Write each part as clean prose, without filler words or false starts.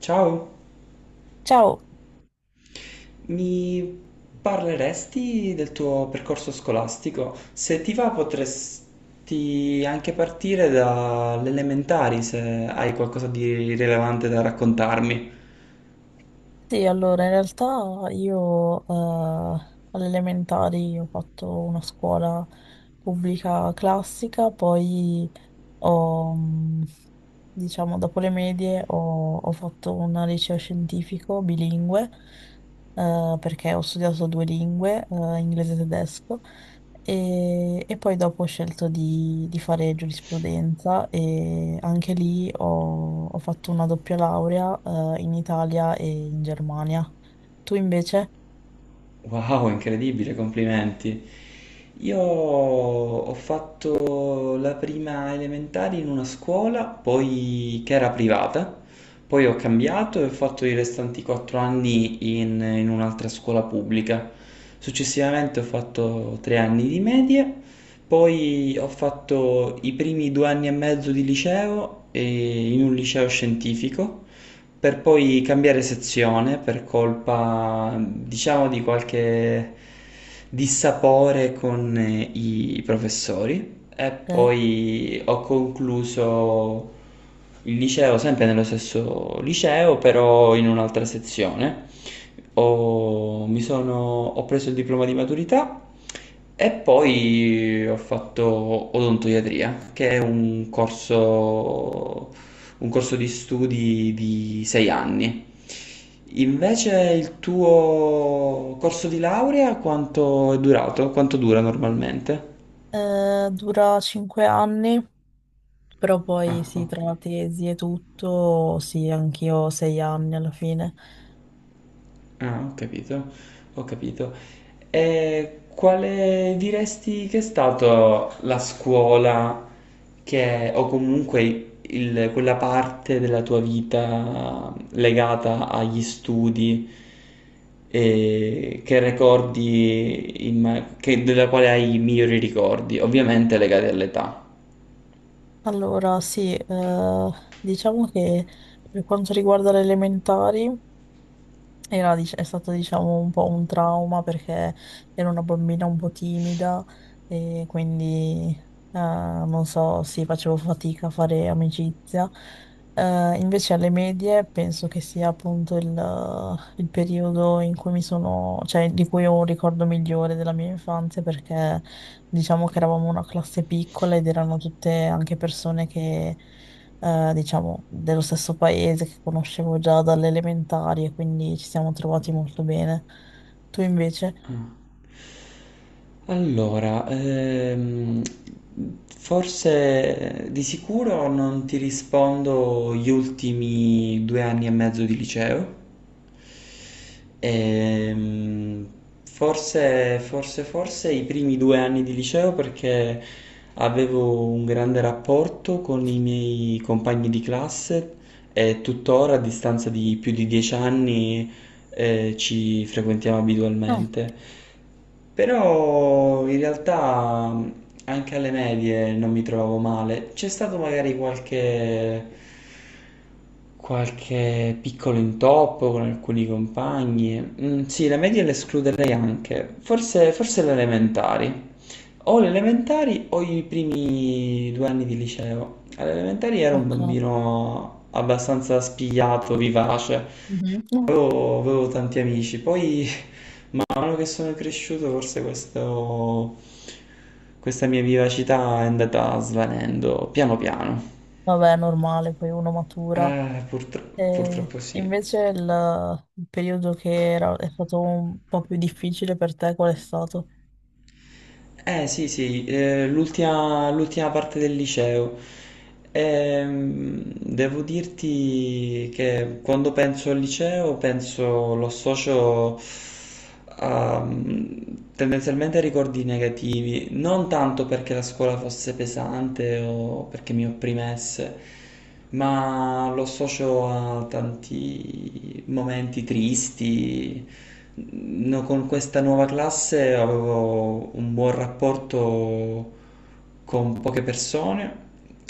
Ciao, Ciao, mi parleresti del tuo percorso scolastico? Se ti va, potresti anche partire dalle elementari se hai qualcosa di rilevante da raccontarmi. sì, allora in realtà io alle elementari ho fatto una scuola pubblica classica, poi ho, mh, diciamo, dopo le medie ho fatto un liceo scientifico bilingue perché ho studiato due lingue, inglese e tedesco. E poi dopo ho scelto di fare giurisprudenza e anche lì ho fatto una doppia laurea in Italia e in Germania. Tu invece? Wow, incredibile, complimenti. Io ho fatto la prima elementare in una scuola, poi che era privata, poi ho cambiato e ho fatto i restanti quattro anni in un'altra scuola pubblica. Successivamente ho fatto tre anni di medie, poi ho fatto i primi due anni e mezzo di liceo e in un liceo scientifico, per poi cambiare sezione per colpa, diciamo, di qualche dissapore con i professori. E Te? poi ho concluso il liceo sempre nello stesso liceo, però in un'altra sezione. Ho, mi sono- Ho preso il diploma di maturità e poi ho fatto odontoiatria, che è un corso di studi di sei anni. Invece il tuo corso di laurea quanto è durato? Quanto dura normalmente? Dura 5 anni, però Ah, poi sì, ok. tra la tesi e tutto, sì, anch'io ho 6 anni alla fine. Ah, ho capito, ho capito. E quale diresti che è stata la scuola che, o comunque quella parte della tua vita legata agli studi e che ricordi, della quale hai i migliori ricordi, ovviamente legati all'età. Allora, sì, diciamo che per quanto riguarda le elementari. È stato diciamo un po' un trauma perché ero una bambina un po' timida e quindi non so, sì, facevo fatica a fare amicizia. Invece alle medie penso che sia appunto il periodo in cui cioè di cui ho un ricordo migliore della mia infanzia perché diciamo che eravamo una classe piccola ed erano tutte anche persone che diciamo, dello stesso paese che conoscevo già dalle elementari e quindi ci siamo trovati molto bene. Tu invece? Ah. Allora, forse di sicuro non ti rispondo gli ultimi due anni e mezzo di liceo. Ehm, forse i primi due anni di liceo perché avevo un grande rapporto con i miei compagni di classe e tuttora a distanza di più di dieci anni ci frequentiamo Ah, abitualmente. Però in realtà anche alle medie non mi trovavo male. C'è stato magari qualche, qualche piccolo intoppo con alcuni compagni. Mm, sì, le medie le escluderei anche. Forse le elementari. O le elementari o i primi due anni di liceo. Alle elementari ero un ok. bambino abbastanza spigliato, vivace. Mhm. No. Avevo tanti amici, poi man mano che sono cresciuto forse questa mia vivacità è andata svanendo piano piano. Vabbè, è normale, poi uno matura. E Purtroppo sì. invece il periodo è stato un po' più difficile per te, qual è stato? Eh sì sì, l'ultima parte del liceo. Devo dirti che quando penso al liceo lo associo tendenzialmente ricordi negativi, non tanto perché la scuola fosse pesante o perché mi opprimesse, ma lo associo a tanti momenti tristi. No, con questa nuova classe avevo un buon rapporto con poche persone,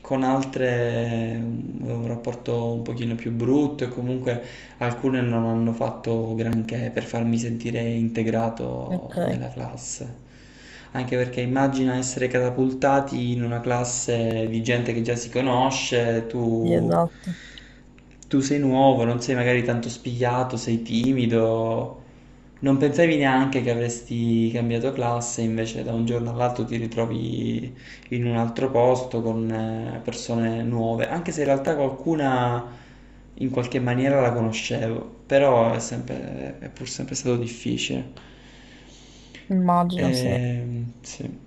con altre un rapporto un pochino più brutto e comunque alcune non hanno fatto granché per farmi sentire integrato Ok, nella classe. Anche perché immagina essere catapultati in una classe di gente che già si conosce: sì, tu, esatto, tu sei nuovo, non sei magari tanto spigliato, sei timido, non pensavi neanche che avresti cambiato classe, invece da un giorno all'altro ti ritrovi in un altro posto con persone nuove, anche se in realtà qualcuna in qualche maniera la conoscevo, però è sempre, è pur sempre stato difficile. immagino, sì. Sì.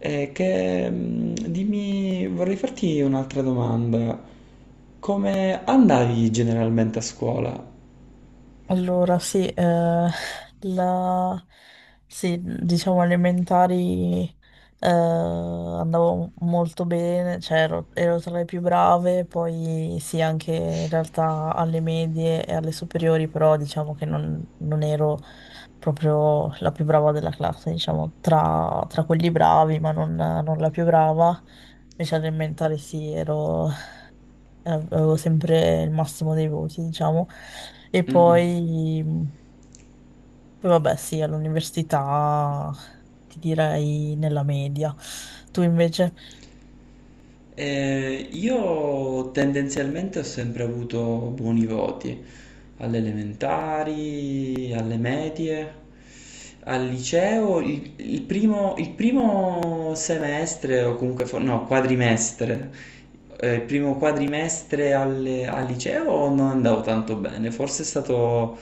Che, dimmi, vorrei farti un'altra domanda. Come andavi generalmente a scuola? Allora, sì, la- sì, diciamo elementari andavo molto bene, cioè ero tra le più brave, poi sì, anche in realtà alle medie e alle superiori, però diciamo che non ero proprio la più brava della classe, diciamo, tra quelli bravi, ma non la più brava. Invece alle elementari sì, avevo sempre il massimo dei voti, diciamo. E Mhm. poi, poi vabbè, sì, all'università ti direi nella media. Tu invece? Io tendenzialmente ho sempre avuto buoni voti alle elementari, alle medie, al liceo. Il primo semestre, o comunque, fo- no, quadrimestre, il primo quadrimestre al liceo non andavo tanto bene, forse è stato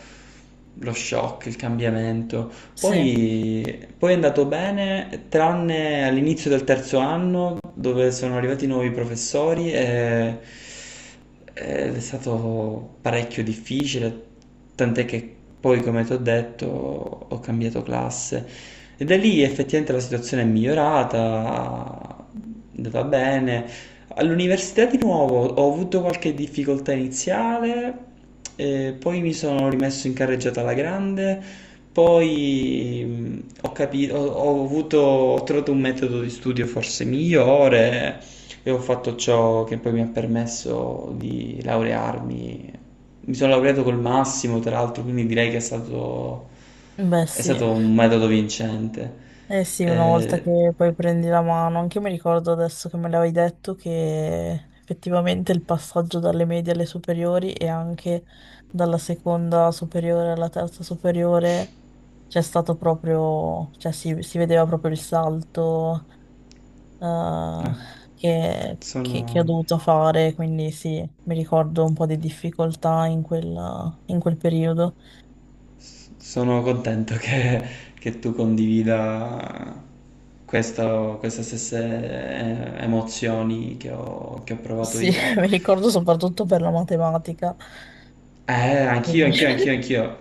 lo shock, il cambiamento. Sì, Poi è andato bene, tranne all'inizio del terzo anno dove sono arrivati nuovi professori ed è stato parecchio difficile, tant'è che poi, come ti ho detto, ho cambiato classe. E da lì effettivamente la situazione è migliorata, è andata bene. All'università di nuovo ho avuto qualche difficoltà iniziale, poi mi sono rimesso in carreggiata alla grande, poi ho trovato un metodo di studio forse migliore e ho fatto ciò che poi mi ha permesso di laurearmi. Mi sono laureato col massimo, tra l'altro, quindi direi che beh è sì. stato un metodo vincente. Eh sì, una volta Eh, che poi prendi la mano, anche io mi ricordo adesso che me l'avevi detto che effettivamente il passaggio dalle medie alle superiori e anche dalla seconda superiore alla terza superiore c'è stato proprio, cioè si vedeva proprio il salto eh, eh, che, che ho sono... dovuto fare, quindi sì, mi ricordo un po' di difficoltà in quel periodo. Sono contento che tu condivida queste stesse emozioni che che ho provato Sì, io. mi ricordo soprattutto per la matematica. Eh, Quindi- anch'io.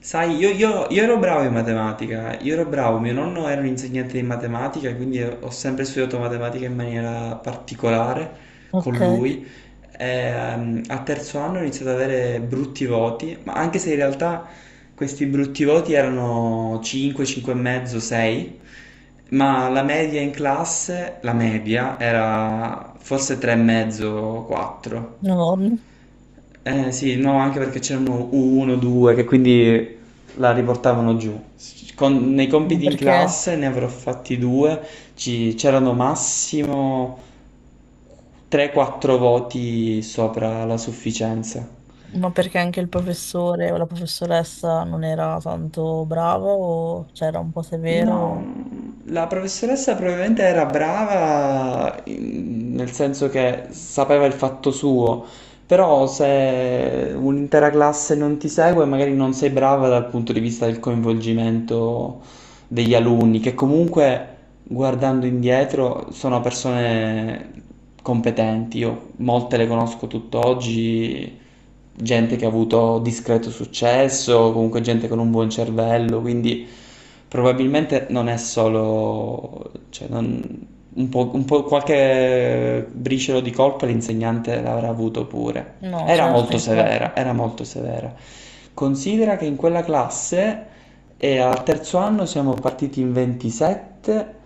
Sai, io ero bravo in matematica, io ero bravo, mio nonno era un insegnante di matematica, quindi ho sempre studiato matematica in maniera particolare con Ok, lui. A terzo anno ho iniziato ad avere brutti voti, ma anche se in realtà questi brutti voti erano 5, 5,5, 6, ma la media in classe, la media, era forse 3,5, 4. no, Eh sì, no, anche perché c'erano uno, due, che quindi la riportavano giù. Nei ma compiti in perché, classe ne avrò fatti due, c'erano massimo 3-4 voti sopra la sufficienza. ma perché anche il professore o la professoressa non era tanto brava o c'era un po' severo? No, O- la professoressa probabilmente era brava nel senso che sapeva il fatto suo, però se un'intera classe non ti segue, magari non sei brava dal punto di vista del coinvolgimento degli alunni, che comunque guardando indietro sono persone competenti. Io molte le conosco tutt'oggi, gente che ha avuto discreto successo, comunque gente con un buon cervello, quindi probabilmente non è solo, un po' qualche briciolo di colpa l'insegnante l'avrà avuto pure. No, Era certo, molto infatti. severa, era molto severa. Considera che in quella classe al terzo anno siamo partiti in 27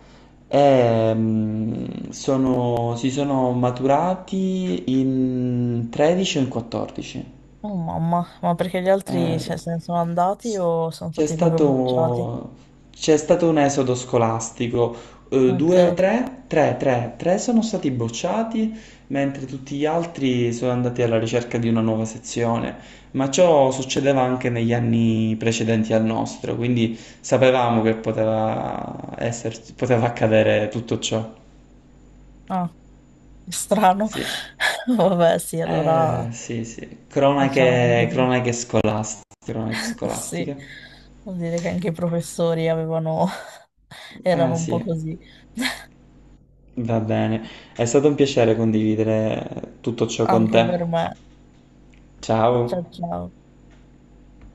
e si sono maturati in 13 o in 14. Oh mamma, ma perché gli altri Eh, cioè, se ne sono andati s- o sono c'è stati proprio bruciati? stato, c'è stato un esodo scolastico, Ok. due o tre, tre, tre, tre sono stati bocciati, mentre tutti gli altri sono andati alla ricerca di una nuova sezione, ma ciò succedeva anche negli anni precedenti al nostro, quindi sapevamo che poteva accadere tutto ciò. Ah. Strano. Sì. Vabbè, sì, allora Sì, sì, diciamo cronache, anche- cronache scolastiche, cronache sì, scolastiche. vuol dire che anche i professori avevano erano un po' Sì. così, Va bene, è stato un piacere condividere tutto ciò con anche te. per me. Ciao Ciao. ciao.